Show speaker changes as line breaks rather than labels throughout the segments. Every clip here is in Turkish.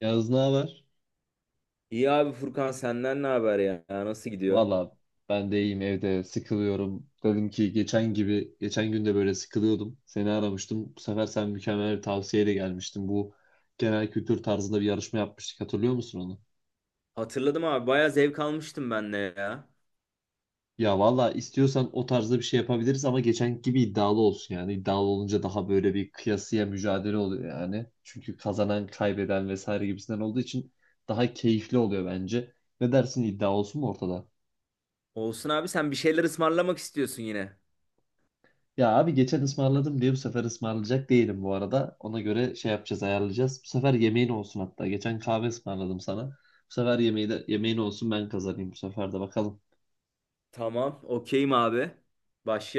Yağız ne haber?
İyi abi Furkan senden ne haber ya? Ya nasıl gidiyor?
Valla ben de iyiyim evde sıkılıyorum. Dedim ki geçen gün de böyle sıkılıyordum. Seni aramıştım. Bu sefer sen mükemmel bir tavsiyeyle gelmiştin. Bu genel kültür tarzında bir yarışma yapmıştık. Hatırlıyor musun onu?
Hatırladım abi bayağı zevk almıştım ben de ya.
Ya valla istiyorsan o tarzda bir şey yapabiliriz ama geçen gibi iddialı olsun yani. İddialı olunca daha böyle bir kıyasıya mücadele oluyor yani. Çünkü kazanan, kaybeden vesaire gibisinden olduğu için daha keyifli oluyor bence. Ne dersin iddia olsun mu ortada?
Olsun abi, sen bir şeyler ısmarlamak istiyorsun yine.
Ya abi geçen ısmarladım diye bu sefer ısmarlayacak değilim bu arada. Ona göre şey yapacağız, ayarlayacağız. Bu sefer yemeğin olsun hatta. Geçen kahve ısmarladım sana. Bu sefer yemeğin olsun ben kazanayım bu sefer de bakalım.
Tamam okeyim abi.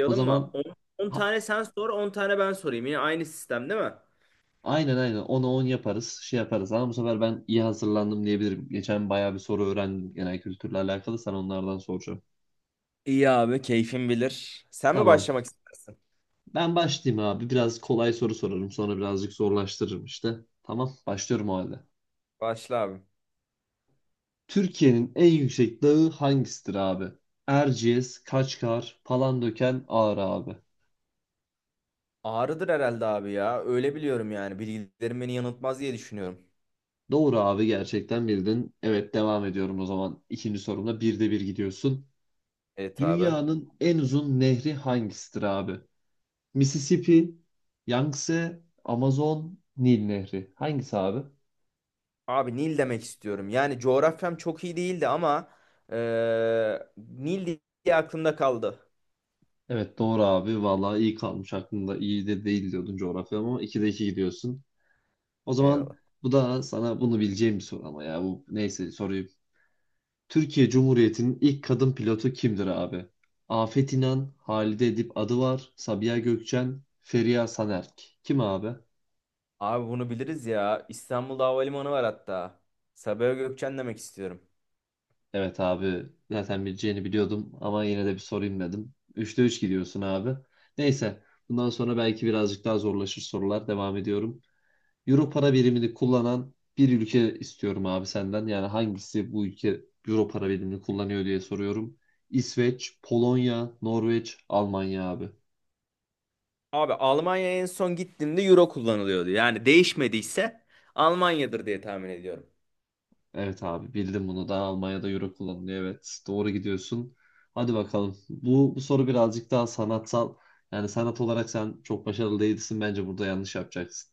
O
mı?
zaman
10
ha-
tane sen sor, 10 tane ben sorayım. Yine aynı sistem değil mi?
aynen aynen 10'a 10 yaparız, şey yaparız. Ama bu sefer ben iyi hazırlandım diyebilirim. Geçen bayağı bir soru öğrendim genel kültürle alakalı. Sana onlardan soracağım.
İyi abi keyfin bilir. Sen mi
Tamam.
başlamak istersin?
Ben başlayayım abi. Biraz kolay soru sorarım. Sonra birazcık zorlaştırırım işte. Tamam, başlıyorum o halde.
Başla abi.
Türkiye'nin en yüksek dağı hangisidir abi? Erciyes, Kaçkar, Palandöken, Ağrı abi.
Ağrıdır herhalde abi ya. Öyle biliyorum yani. Bilgilerim beni yanıltmaz diye düşünüyorum.
Doğru abi gerçekten bildin. Evet devam ediyorum o zaman. İkinci sorumda birde bir gidiyorsun.
Evet abi.
Dünyanın en uzun nehri hangisidir abi? Mississippi, Yangtze, Amazon, Nil Nehri. Hangisi abi?
Abi Nil demek istiyorum. Yani coğrafyam çok iyi değildi ama Nil diye aklımda kaldı.
Evet doğru abi. Vallahi iyi kalmış aklında. İyi de değil diyordun coğrafya ama 2'de 2 gidiyorsun. O zaman
Eyvallah.
bu da sana bunu bileceğim bir soru ama ya bu neyse soruyu Türkiye Cumhuriyeti'nin ilk kadın pilotu kimdir abi? Afet İnan, Halide Edip Adıvar, Sabiha Gökçen, Feriha Sanerk. Kim abi?
Abi bunu biliriz ya. İstanbul'da havalimanı var hatta. Sabiha Gökçen demek istiyorum.
Evet abi zaten bileceğini biliyordum ama yine de bir sorayım dedim. Üçte 3 gidiyorsun abi. Neyse bundan sonra belki birazcık daha zorlaşır sorular. Devam ediyorum. Euro para birimini kullanan bir ülke istiyorum abi senden. Yani hangisi bu ülke Euro para birimini kullanıyor diye soruyorum. İsveç, Polonya, Norveç, Almanya abi.
Abi Almanya'ya en son gittiğimde Euro kullanılıyordu. Yani değişmediyse Almanya'dır diye tahmin ediyorum.
Evet abi bildim bunu da Almanya'da euro kullanılıyor evet doğru gidiyorsun. Hadi bakalım bu soru birazcık daha sanatsal yani sanat olarak sen çok başarılı değilsin bence burada yanlış yapacaksın.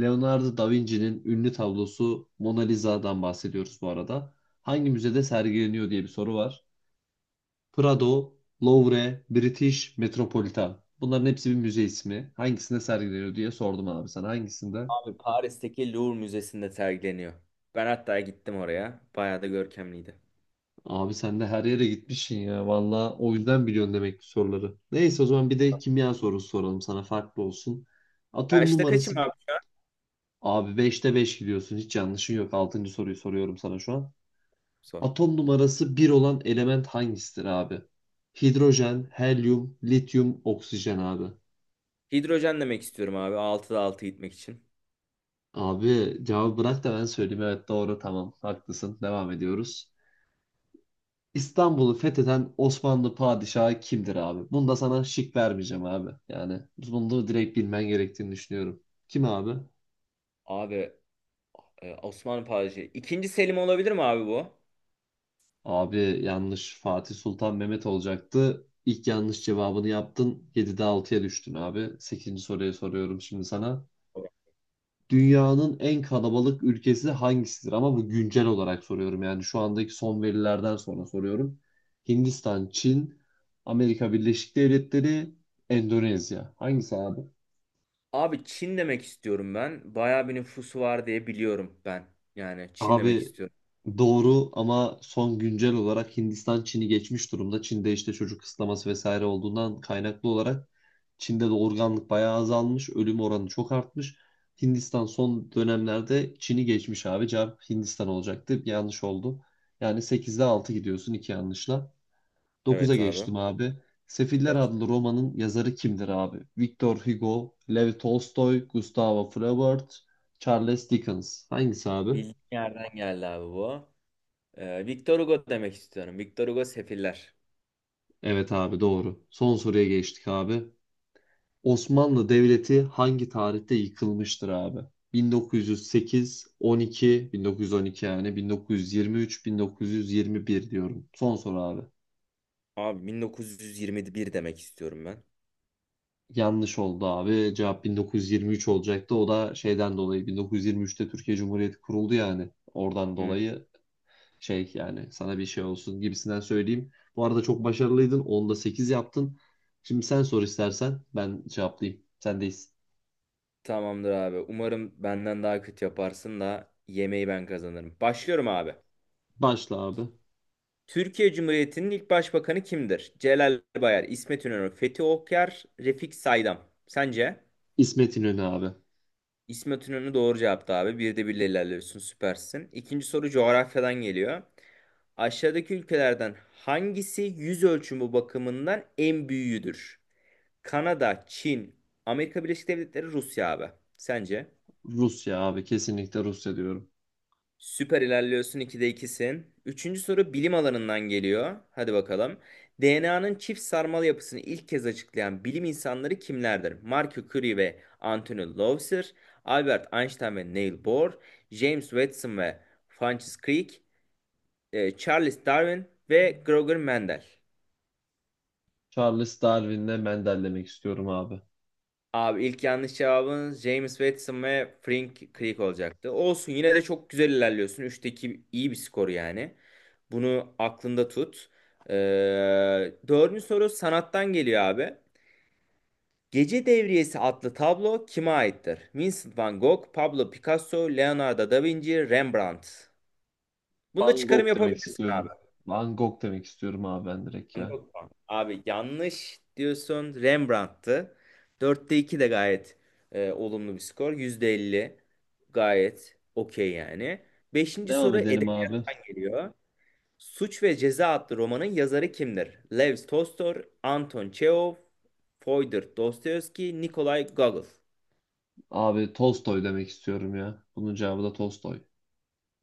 Leonardo da Vinci'nin ünlü tablosu Mona Lisa'dan bahsediyoruz bu arada. Hangi müzede sergileniyor diye bir soru var. Prado, Louvre, British Metropolitan. Bunların hepsi bir müze ismi. Hangisinde sergileniyor diye sordum abi sana hangisinde?
Abi Paris'teki Louvre Müzesi'nde sergileniyor. Ben hatta gittim oraya. Bayağı da görkemliydi.
Abi sen de her yere gitmişsin ya. Valla o yüzden biliyorsun demek ki soruları. Neyse o zaman bir de kimya sorusu soralım sana farklı olsun.
Ya
Atom
işte
numarası
kaçım abi şu an?
abi beşte 5 gidiyorsun. Hiç yanlışın yok. Altıncı soruyu soruyorum sana şu an.
Sor.
Atom numarası bir olan element hangisidir abi? Hidrojen, helyum, lityum, oksijen abi.
Hidrojen demek istiyorum abi. Altıda 6 gitmek için.
Abi cevabı bırak da ben söyleyeyim. Evet doğru tamam haklısın. Devam ediyoruz. İstanbul'u fetheden Osmanlı padişahı kimdir abi? Bunu da sana şık vermeyeceğim abi. Yani bunu da direkt bilmen gerektiğini düşünüyorum. Kim abi?
Abi Osmanlı padişahı. İkinci Selim olabilir mi abi bu?
Abi yanlış Fatih Sultan Mehmet olacaktı. İlk yanlış cevabını yaptın. Yedide altıya düştün abi. Sekizinci soruyu soruyorum şimdi sana. Dünyanın en kalabalık ülkesi hangisidir? Ama bu güncel olarak soruyorum. Yani şu andaki son verilerden sonra soruyorum. Hindistan, Çin, Amerika Birleşik Devletleri, Endonezya. Hangisi abi?
Abi Çin demek istiyorum ben. Bayağı bir nüfusu var diye biliyorum ben. Yani Çin demek
Abi
istiyorum.
doğru ama son güncel olarak Hindistan Çin'i geçmiş durumda. Çin'de işte çocuk kısıtlaması vesaire olduğundan kaynaklı olarak Çin'de de organlık bayağı azalmış. Ölüm oranı çok artmış. Hindistan son dönemlerde Çin'i geçmiş abi. Cevap Hindistan olacaktı. Yanlış oldu. Yani sekizde 6 gidiyorsun iki yanlışla. Dokuza
Evet abi.
geçtim abi. Sefiller
Geç.
adlı romanın yazarı kimdir abi? Victor Hugo, Lev Tolstoy, Gustavo Flaubert, Charles Dickens. Hangisi abi?
Bildiğin yerden geldi abi bu. Victor Hugo demek istiyorum. Victor Hugo Sefiller.
Evet abi doğru. Son soruya geçtik abi. Osmanlı Devleti hangi tarihte yıkılmıştır abi? 1908, 12, 1912 yani 1923, 1921 diyorum. Son soru abi.
Abi 1921 demek istiyorum ben.
Yanlış oldu abi. Cevap 1923 olacaktı. O da şeyden dolayı 1923'te Türkiye Cumhuriyeti kuruldu yani. Oradan
Hı.
dolayı şey yani sana bir şey olsun gibisinden söyleyeyim. Bu arada çok başarılıydın. Onda 8 yaptın. Şimdi sen sor istersen ben cevaplayayım. Sendeyiz.
Tamamdır abi. Umarım benden daha kötü yaparsın da yemeği ben kazanırım. Başlıyorum abi.
Başla abi.
Türkiye Cumhuriyeti'nin ilk başbakanı kimdir? Celal Bayar, İsmet İnönü, Fethi Okyar, Refik Saydam. Sence?
İsmet İnönü abi.
İsmet İnönü doğru cevaptı abi. Bir de birle ilerliyorsun, süpersin. İkinci soru coğrafyadan geliyor. Aşağıdaki ülkelerden hangisi yüz ölçümü bakımından en büyüğüdür? Kanada, Çin, Amerika Birleşik Devletleri, Rusya abi. Sence?
Rusya abi. Kesinlikle Rusya diyorum.
Süper ilerliyorsun, 2'de ikisin. Üçüncü soru bilim alanından geliyor. Hadi bakalım. DNA'nın çift sarmal yapısını ilk kez açıklayan bilim insanları kimlerdir? Marie Curie ve Anthony Lowther, Albert Einstein ve Niels Bohr, James Watson ve Francis Crick, Charles Darwin ve Gregor Mendel.
Charles Darwin'le Mendel demek istiyorum abi.
Abi ilk yanlış cevabın James Watson ve Frank Crick olacaktı. Olsun, yine de çok güzel ilerliyorsun. Üçteki iyi bir skor yani. Bunu aklında tut. Ee, dördüncü soru sanattan geliyor abi. Gece Devriyesi adlı tablo kime aittir? Vincent van Gogh, Pablo Picasso, Leonardo da Vinci, Rembrandt. Bunda
Van
çıkarım
Gogh demek
yapabilirsin abi.
istiyorum. Van Gogh demek istiyorum abi ben direkt
Van
ya.
Gogh mu? Abi yanlış diyorsun. Rembrandt'tı. Dörtte 2 de gayet olumlu bir skor. Yüzde elli, gayet okey yani. Beşinci
Devam
soru
edelim abi.
edebiyattan geliyor. Suç ve Ceza adlı romanın yazarı kimdir? Lev Tolstoy, Anton Çehov, Fyodor Dostoyevski, Nikolay Gogol.
Abi Tolstoy demek istiyorum ya. Bunun cevabı da Tolstoy.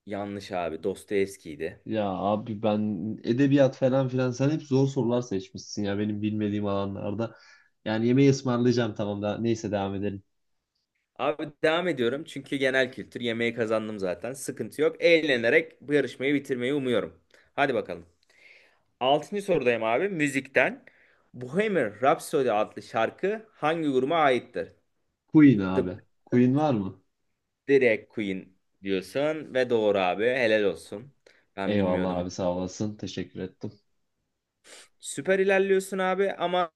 Yanlış abi. Dostoyevski'ydi.
Ya abi ben edebiyat falan filan sen hep zor sorular seçmişsin ya benim bilmediğim alanlarda. Yani yemeği ısmarlayacağım tamam da neyse devam edelim.
Abi devam ediyorum çünkü genel kültür yemeği kazandım zaten. Sıkıntı yok. Eğlenerek bu yarışmayı bitirmeyi umuyorum. Hadi bakalım. Altıncı sorudayım abi. Müzikten. Bohemian Rhapsody adlı şarkı hangi gruba aittir?
Queen
The
abi. Queen var mı?
Drag Queen diyorsun ve doğru abi. Helal olsun. Ben
Eyvallah
bilmiyordum.
abi sağ olasın. Teşekkür ettim.
Süper ilerliyorsun abi ama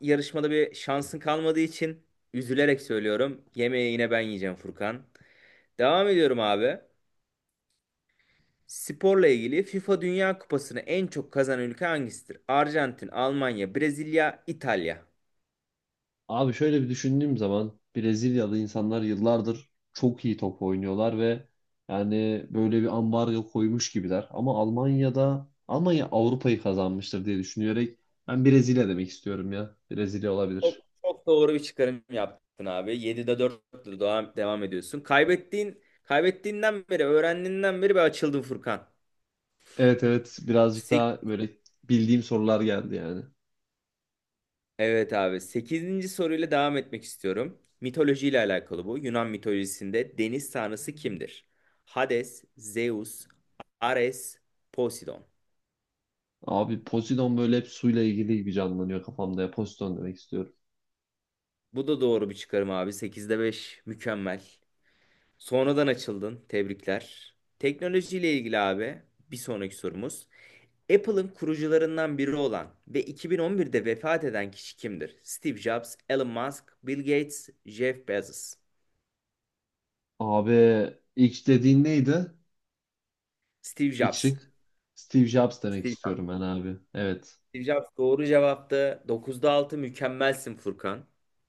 yarışmada bir şansın kalmadığı için üzülerek söylüyorum. Yemeği yine ben yiyeceğim Furkan. Devam ediyorum abi. Sporla ilgili FIFA Dünya Kupası'nı en çok kazanan ülke hangisidir? Arjantin, Almanya, Brezilya, İtalya.
Abi şöyle bir düşündüğüm zaman Brezilyalı insanlar yıllardır çok iyi top oynuyorlar ve yani böyle bir ambargo koymuş gibiler. Ama Almanya Avrupa'yı kazanmıştır diye düşünerek ben Brezilya demek istiyorum ya. Brezilya
Çok,
olabilir.
çok doğru bir çıkarım yaptın abi. Yedi'de 4'te devam ediyorsun. Kaybettiğinden beri, öğrendiğinden beri bir açıldın Furkan.
Evet evet birazcık
Sek-
daha böyle bildiğim sorular geldi yani.
evet abi. Sekizinci soruyla devam etmek istiyorum. Mitolojiyle alakalı bu. Yunan mitolojisinde deniz tanrısı kimdir? Hades, Zeus, Ares, Poseidon.
Abi Poseidon böyle hep suyla ilgili gibi canlanıyor kafamda ya. Poseidon demek istiyorum.
Bu da doğru bir çıkarım abi. Sekizde beş, mükemmel. Sonradan açıldın. Tebrikler. Teknolojiyle ilgili abi bir sonraki sorumuz. Apple'ın kurucularından biri olan ve 2011'de vefat eden kişi kimdir? Steve Jobs, Elon Musk, Bill Gates, Jeff Bezos.
Abi ilk dediğin neydi?
Steve
İlk
Jobs.
şık. Steve Jobs demek
Steve Jobs.
istiyorum ben abi. Evet.
Steve Jobs doğru cevaptı. 9'da 6 mükemmelsin Furkan.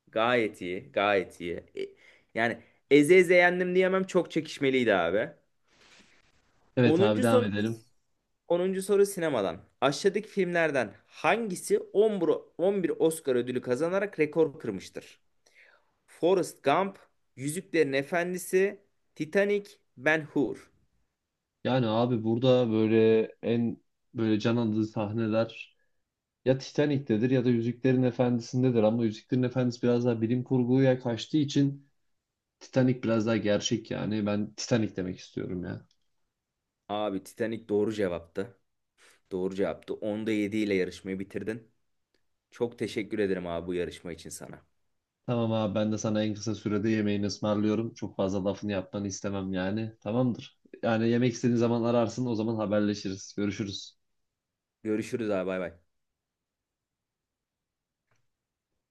Gayet iyi, gayet iyi. Yani eze eze yendim diyemem, çok çekişmeliydi abi.
Evet abi
10.
devam
soru
edelim.
10. soru sinemadan. Aşağıdaki filmlerden hangisi 11 Oscar ödülü kazanarak rekor kırmıştır? Forrest Gump, Yüzüklerin Efendisi, Titanic, Ben Hur.
Yani abi burada böyle böyle can alıcı sahneler ya Titanic'tedir ya da Yüzüklerin Efendisi'ndedir ama Yüzüklerin Efendisi biraz daha bilim kurguya kaçtığı için Titanic biraz daha gerçek yani. Ben Titanic demek istiyorum ya.
Abi Titanic doğru cevaptı. Doğru cevaptı. Onda 7 ile yarışmayı bitirdin. Çok teşekkür ederim abi bu yarışma için sana.
Tamam abi ben de sana en kısa sürede yemeğini ısmarlıyorum. Çok fazla lafını yapmanı istemem yani. Tamamdır. Yani yemek istediğin zaman ararsın o zaman haberleşiriz. Görüşürüz.
Görüşürüz abi, bay bay.